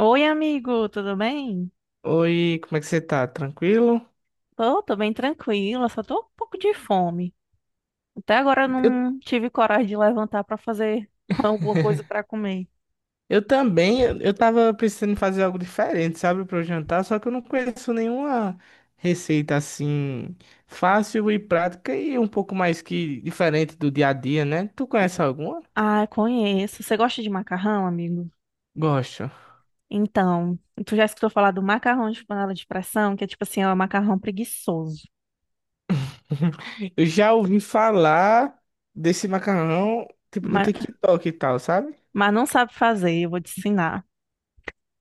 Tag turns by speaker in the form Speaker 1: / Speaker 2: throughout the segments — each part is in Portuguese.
Speaker 1: Oi, amigo, tudo bem?
Speaker 2: Oi, como é que você tá? Tranquilo?
Speaker 1: Tô bem tranquila, só tô um pouco de fome. Até agora eu
Speaker 2: Eu,
Speaker 1: não tive coragem de levantar pra fazer alguma coisa pra comer.
Speaker 2: eu também, eu tava pensando fazer algo diferente, sabe, para o jantar, só que eu não conheço nenhuma receita assim fácil e prática e um pouco mais que diferente do dia a dia, né? Tu conhece alguma?
Speaker 1: Ah, conheço. Você gosta de macarrão, amigo?
Speaker 2: Gosto.
Speaker 1: Então, tu já escutou falar do macarrão de panela de pressão, que é tipo assim, é um macarrão preguiçoso.
Speaker 2: Eu já ouvi falar desse macarrão, tipo, no
Speaker 1: Mas,
Speaker 2: TikTok e tal, sabe?
Speaker 1: mas não sabe fazer, eu vou te ensinar.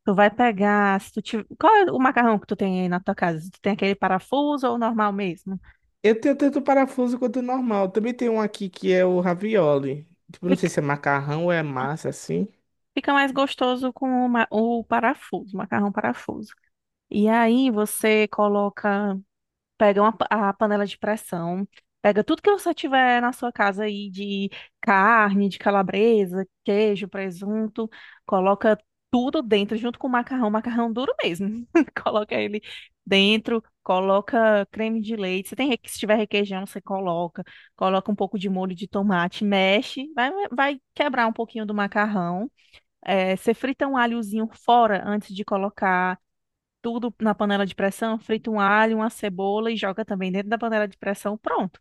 Speaker 1: Tu vai pegar, se tu tiver... Qual é o macarrão que tu tem aí na tua casa? Tu tem aquele parafuso ou o normal mesmo?
Speaker 2: Eu tenho tanto o parafuso quanto o normal. Também tem um aqui que é o ravioli. Tipo, não sei se é macarrão ou é massa, assim.
Speaker 1: Fica mais gostoso com o parafuso, macarrão parafuso. E aí você coloca, a panela de pressão, pega tudo que você tiver na sua casa aí de carne, de calabresa, queijo, presunto, coloca tudo dentro junto com o macarrão, macarrão duro mesmo. Coloca ele dentro, coloca creme de leite. Se tiver requeijão, você coloca, coloca um pouco de molho de tomate, mexe, vai, vai quebrar um pouquinho do macarrão. É, você frita um alhozinho fora antes de colocar tudo na panela de pressão, frita um alho, uma cebola e joga também dentro da panela de pressão, pronto.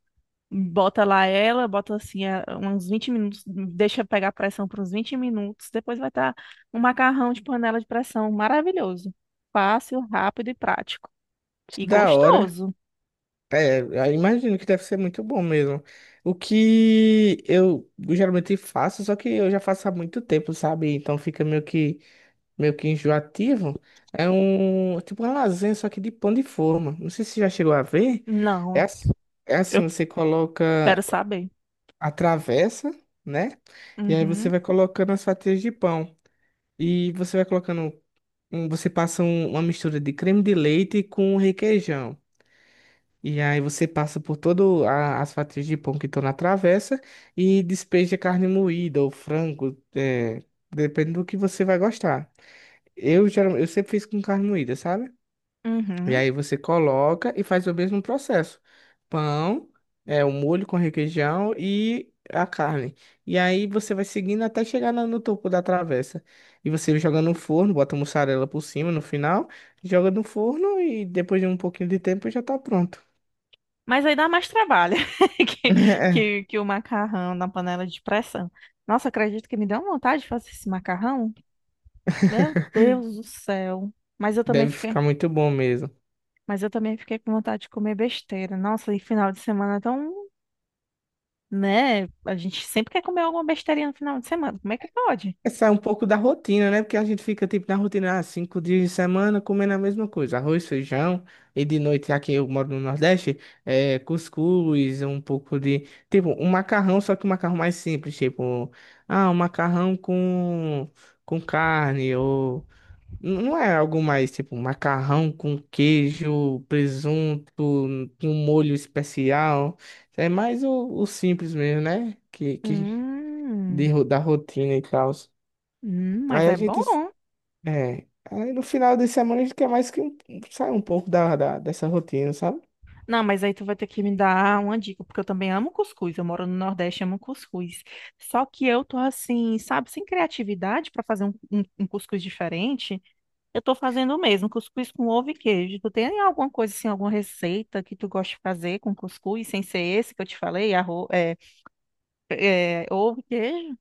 Speaker 1: Bota lá ela, uns 20 minutos, deixa pegar a pressão por uns 20 minutos, depois vai estar um macarrão de panela de pressão maravilhoso. Fácil, rápido e prático. E
Speaker 2: Da hora.
Speaker 1: gostoso.
Speaker 2: É, eu imagino que deve ser muito bom mesmo. O que eu geralmente faço, só que eu já faço há muito tempo, sabe? Então fica meio que enjoativo. É tipo uma lasanha, só que de pão de forma. Não sei se você já chegou a ver. É,
Speaker 1: Não,
Speaker 2: ass- é assim,
Speaker 1: eu
Speaker 2: você coloca
Speaker 1: quero saber.
Speaker 2: a travessa, né? E aí você
Speaker 1: Uhum,
Speaker 2: vai colocando as fatias de pão. E você vai colocando, você passa uma mistura de creme de leite com requeijão. E aí você passa por todas as fatias de pão que estão na travessa e despeja carne moída ou frango, depende do que você vai gostar. Eu, geralmente, eu sempre fiz com carne moída, sabe? E
Speaker 1: uhum.
Speaker 2: aí você coloca e faz o mesmo processo. Pão, o molho com requeijão e a carne. E aí você vai seguindo até chegar no topo da travessa. E você joga no forno, bota mussarela por cima no final, joga no forno e depois de um pouquinho de tempo já tá pronto.
Speaker 1: Mas aí dá mais trabalho que, que o macarrão na panela de pressão. Nossa, acredito que me deu uma vontade de fazer esse macarrão. Meu Deus do céu. Mas eu também
Speaker 2: Deve
Speaker 1: fiquei,
Speaker 2: ficar muito bom mesmo.
Speaker 1: mas eu também fiquei com vontade de comer besteira. Nossa, e final de semana é tão, né? A gente sempre quer comer alguma besteirinha no final de semana. Como é que pode?
Speaker 2: É sair um pouco da rotina, né? Porque a gente fica tipo na rotina, ah, 5 dias de semana comendo a mesma coisa, arroz, feijão, e de noite aqui eu moro no Nordeste, é cuscuz, um pouco de. Tipo, um macarrão, só que um macarrão mais simples, tipo, ah, um macarrão com carne, ou. Não é algo mais tipo macarrão com queijo, presunto, com um molho especial. É mais o simples mesmo, né? Que
Speaker 1: Hum,
Speaker 2: da rotina e tal.
Speaker 1: hum, mas
Speaker 2: Aí a
Speaker 1: é
Speaker 2: gente,
Speaker 1: bom.
Speaker 2: aí no final de semana a gente quer mais que sair um pouco dessa rotina, sabe?
Speaker 1: Não, mas aí tu vai ter que me dar uma dica, porque eu também amo cuscuz. Eu moro no Nordeste, amo cuscuz. Só que eu tô assim, sabe, sem criatividade pra fazer um cuscuz diferente. Eu tô fazendo o mesmo, cuscuz com ovo e queijo. Tu tem alguma coisa assim, alguma receita que tu gosta de fazer com cuscuz, sem ser esse que eu te falei, ovo e queijo?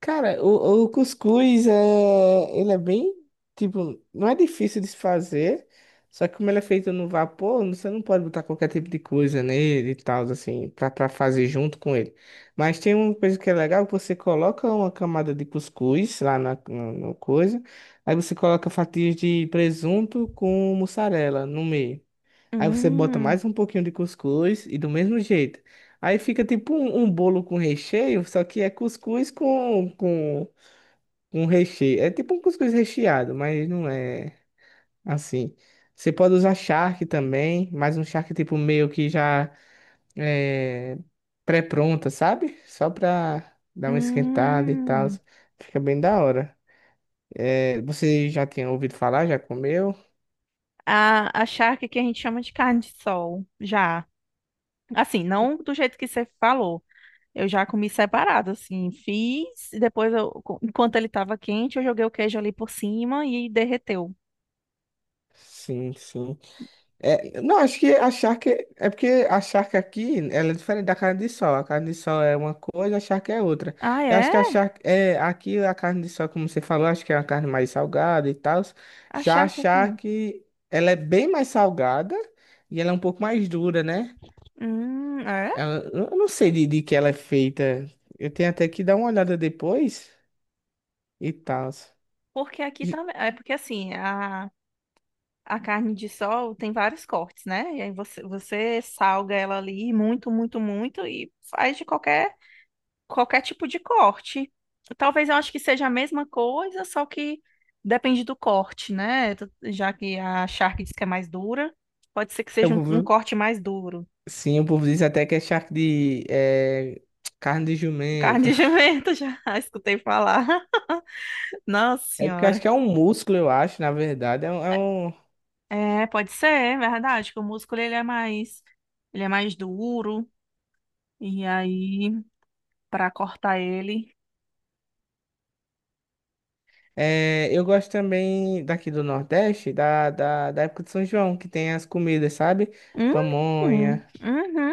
Speaker 2: Cara, o cuscuz ele é bem, tipo, não é difícil de se fazer, só que como ele é feito no vapor, você não pode botar qualquer tipo de coisa nele e tal, assim, pra fazer junto com ele. Mas tem uma coisa que é legal, que você coloca uma camada de cuscuz lá na coisa, aí você coloca fatias de presunto com mussarela no meio. Aí você bota
Speaker 1: Hum,
Speaker 2: mais um pouquinho de cuscuz e do mesmo jeito. Aí fica tipo um bolo com recheio, só que é cuscuz com recheio. É tipo um cuscuz recheado, mas não é assim. Você pode usar charque também, mas um charque tipo meio que já é pré-pronta, sabe? Só pra dar uma esquentada e tal.
Speaker 1: hum.
Speaker 2: Fica bem da hora. É, você já tinha ouvido falar? Já comeu?
Speaker 1: A charque que a gente chama de carne de sol, já. Assim, não do jeito que você falou. Eu já comi separado, assim. Fiz, e depois, enquanto ele tava quente, eu joguei o queijo ali por cima e derreteu.
Speaker 2: Sim, sim. É, não, acho que a charque é porque a charque aqui ela é diferente da carne de sol. A carne de sol é uma coisa, a charque é outra.
Speaker 1: Ah,
Speaker 2: Eu acho
Speaker 1: é?
Speaker 2: que a charque é aqui a carne de sol, como você falou, acho que é uma carne mais salgada e tal. Já a
Speaker 1: Achar que não?
Speaker 2: charque ela é bem mais salgada e ela é um pouco mais dura, né?
Speaker 1: É?
Speaker 2: Eu não sei de que ela é feita. Eu tenho até que dar uma olhada depois e tal.
Speaker 1: Porque aqui também. A carne de sol tem vários cortes, né? E aí você salga ela ali muito, muito, muito e faz de qualquer. Qualquer tipo de corte. Talvez eu acho que seja a mesma coisa, só que depende do corte, né? Tu- Já que a charque diz que é mais dura, pode ser que
Speaker 2: Eu
Speaker 1: seja um
Speaker 2: vou-
Speaker 1: corte mais duro.
Speaker 2: Sim, o povo diz até que é charque de carne de
Speaker 1: Carne
Speaker 2: jumento.
Speaker 1: de jumento, já escutei falar. Nossa
Speaker 2: É porque eu acho
Speaker 1: senhora.
Speaker 2: que é um músculo, eu acho, na verdade. É um. é um-
Speaker 1: É, pode ser, é verdade, que o músculo ele é mais duro e aí para cortar ele,
Speaker 2: é, eu gosto também daqui do Nordeste, da época de São João, que tem as comidas, sabe?
Speaker 1: hum,
Speaker 2: Pamonha.
Speaker 1: uhum.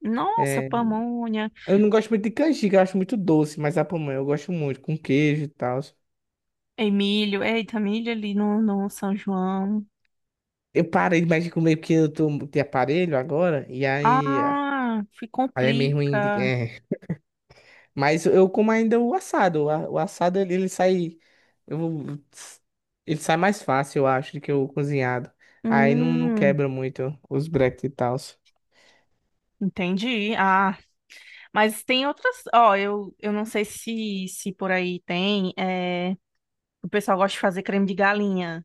Speaker 1: Nossa,
Speaker 2: É.
Speaker 1: pamonha,
Speaker 2: Eu não gosto muito de canjica, eu acho muito doce, mas a pamonha eu gosto muito, com queijo e tal.
Speaker 1: e milho, eita, milho ali no São João.
Speaker 2: Eu parei mais de comer porque eu tô de aparelho agora, e aí, ah,
Speaker 1: Ah, se
Speaker 2: aí é mesmo.
Speaker 1: complica.
Speaker 2: Mas eu como ainda o assado. O assado ele sai. eu- Ele sai mais fácil, eu acho, do que o cozinhado. Aí não
Speaker 1: Hum,
Speaker 2: quebra muito os breques e tal.
Speaker 1: entendi. Ah, mas tem outras. Ó, eu não sei se por aí tem. É, o pessoal gosta de fazer creme de galinha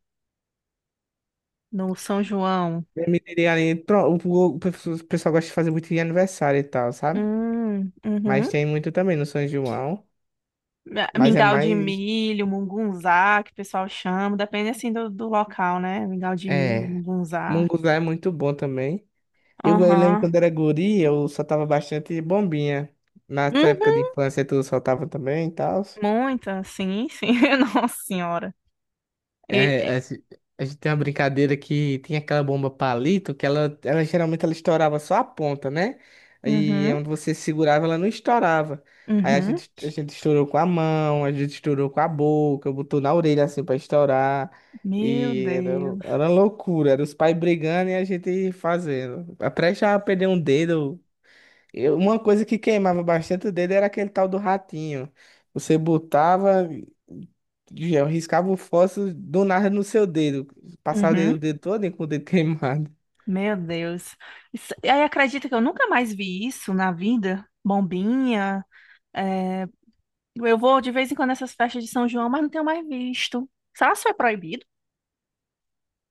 Speaker 1: no São João.
Speaker 2: Permitiria ali. O pessoal gosta de fazer muito de aniversário e tal, sabe? Mas
Speaker 1: Uhum.
Speaker 2: tem muito também no São João.
Speaker 1: Ah,
Speaker 2: Mas é
Speaker 1: mingau de
Speaker 2: mais.
Speaker 1: milho, mungunzá, que o pessoal chama. Depende assim do local, né? Mingau de milho,
Speaker 2: É.
Speaker 1: mungunzá.
Speaker 2: Munguzá é muito bom também. Eu lembro
Speaker 1: Aham.
Speaker 2: quando era guri, eu soltava bastante bombinha. Na tua época
Speaker 1: Uhum.
Speaker 2: de infância, tu soltava também e tal.
Speaker 1: Muita, sim, sim. Nossa Senhora.
Speaker 2: É,
Speaker 1: E- e-
Speaker 2: a gente tem uma brincadeira que tem aquela bomba palito que ela geralmente ela estourava só a ponta, né? E é
Speaker 1: Uhum,
Speaker 2: onde você segurava, ela não estourava. Aí a
Speaker 1: uhum.
Speaker 2: gente, a gente estourou com a mão, a gente estourou com a boca, botou na orelha assim pra estourar.
Speaker 1: Meu
Speaker 2: E era,
Speaker 1: Deus.
Speaker 2: era loucura, era os pais brigando e a gente fazendo. Até já perder um dedo. Uma coisa que queimava bastante o dedo era aquele tal do ratinho. Você botava, já riscava o fósforo do nada no seu dedo. Passava
Speaker 1: Uhum.
Speaker 2: o dedo todo com o dedo queimado.
Speaker 1: Meu Deus. Isso- e aí acredita que eu nunca mais vi isso na vida? Bombinha. É, eu vou de vez em quando nessas festas de São João, mas não tenho mais visto. Será que isso é proibido?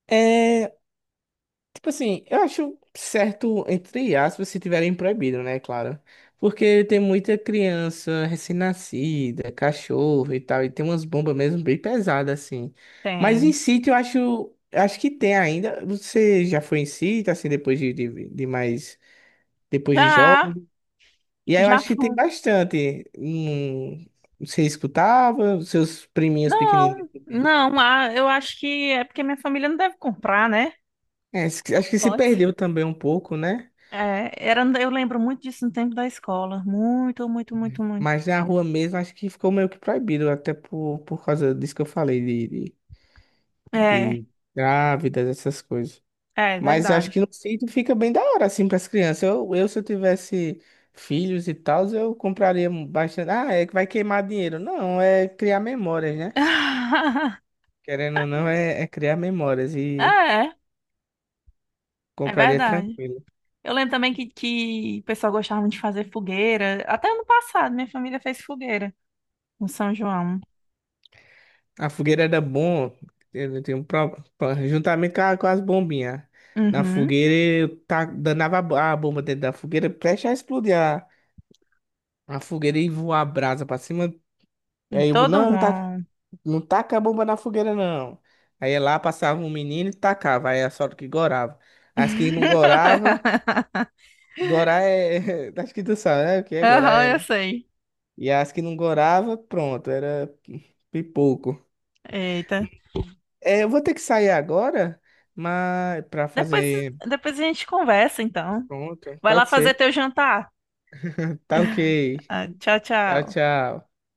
Speaker 2: É, tipo assim, eu acho certo, entre aspas, se tiverem proibido, né, claro. Porque tem muita criança recém-nascida, cachorro e tal, e tem umas bombas mesmo bem pesadas, assim. Mas em
Speaker 1: Tem.
Speaker 2: sítio, eu acho, que tem ainda. Você já foi em sítio, assim, depois de mais depois de
Speaker 1: Já,
Speaker 2: jovem. E aí eu
Speaker 1: já
Speaker 2: acho que tem
Speaker 1: fui.
Speaker 2: bastante. Você escutava, seus priminhos pequenininhos
Speaker 1: Não,
Speaker 2: ouviam.
Speaker 1: não, ah, eu acho que é porque minha família não deve comprar, né?
Speaker 2: É, acho que se
Speaker 1: Pode.
Speaker 2: perdeu também um pouco, né?
Speaker 1: É, era, eu lembro muito disso no tempo da escola. Muito, muito, muito, muito.
Speaker 2: Mas na rua mesmo acho que ficou meio que proibido, até por causa disso que eu falei, de, de,
Speaker 1: É,
Speaker 2: de grávidas, essas coisas.
Speaker 1: é
Speaker 2: Mas acho que
Speaker 1: verdade.
Speaker 2: no sítio fica bem da hora, assim, para as crianças. Se eu tivesse filhos e tal, eu compraria bastante. Ah, é que vai queimar dinheiro. Não, é criar memórias, né? Querendo ou não, é criar memórias e
Speaker 1: É, é
Speaker 2: compraria
Speaker 1: verdade.
Speaker 2: tranquilo.
Speaker 1: Eu lembro também que o pessoal gostava de fazer fogueira. Até ano passado, minha família fez fogueira no São João.
Speaker 2: A fogueira era bom, eu tenho juntamente com as bombinhas. Na
Speaker 1: Uhum.
Speaker 2: fogueira, danava a bomba dentro da fogueira, preste a explodir a fogueira e voar a brasa pra cima.
Speaker 1: Em todo
Speaker 2: Não, não, tá,
Speaker 1: mundo.
Speaker 2: não taca a bomba na fogueira, não. Aí ia lá passava um menino e tacava, aí a sorte que gorava. As que não gorava, gorar é. Acho que tu sabe, né? O que é
Speaker 1: Aham,
Speaker 2: gorar?
Speaker 1: eu sei.
Speaker 2: E as que não gorava, pronto, era pipoco.
Speaker 1: Eita.
Speaker 2: É, eu vou ter que sair agora, mas para
Speaker 1: Depois,
Speaker 2: fazer,
Speaker 1: depois a gente conversa, então.
Speaker 2: pronto,
Speaker 1: Vai lá
Speaker 2: pode
Speaker 1: fazer
Speaker 2: ser.
Speaker 1: teu jantar.
Speaker 2: Tá ok.
Speaker 1: Ah, tchau,
Speaker 2: Tchau,
Speaker 1: tchau.
Speaker 2: tchau.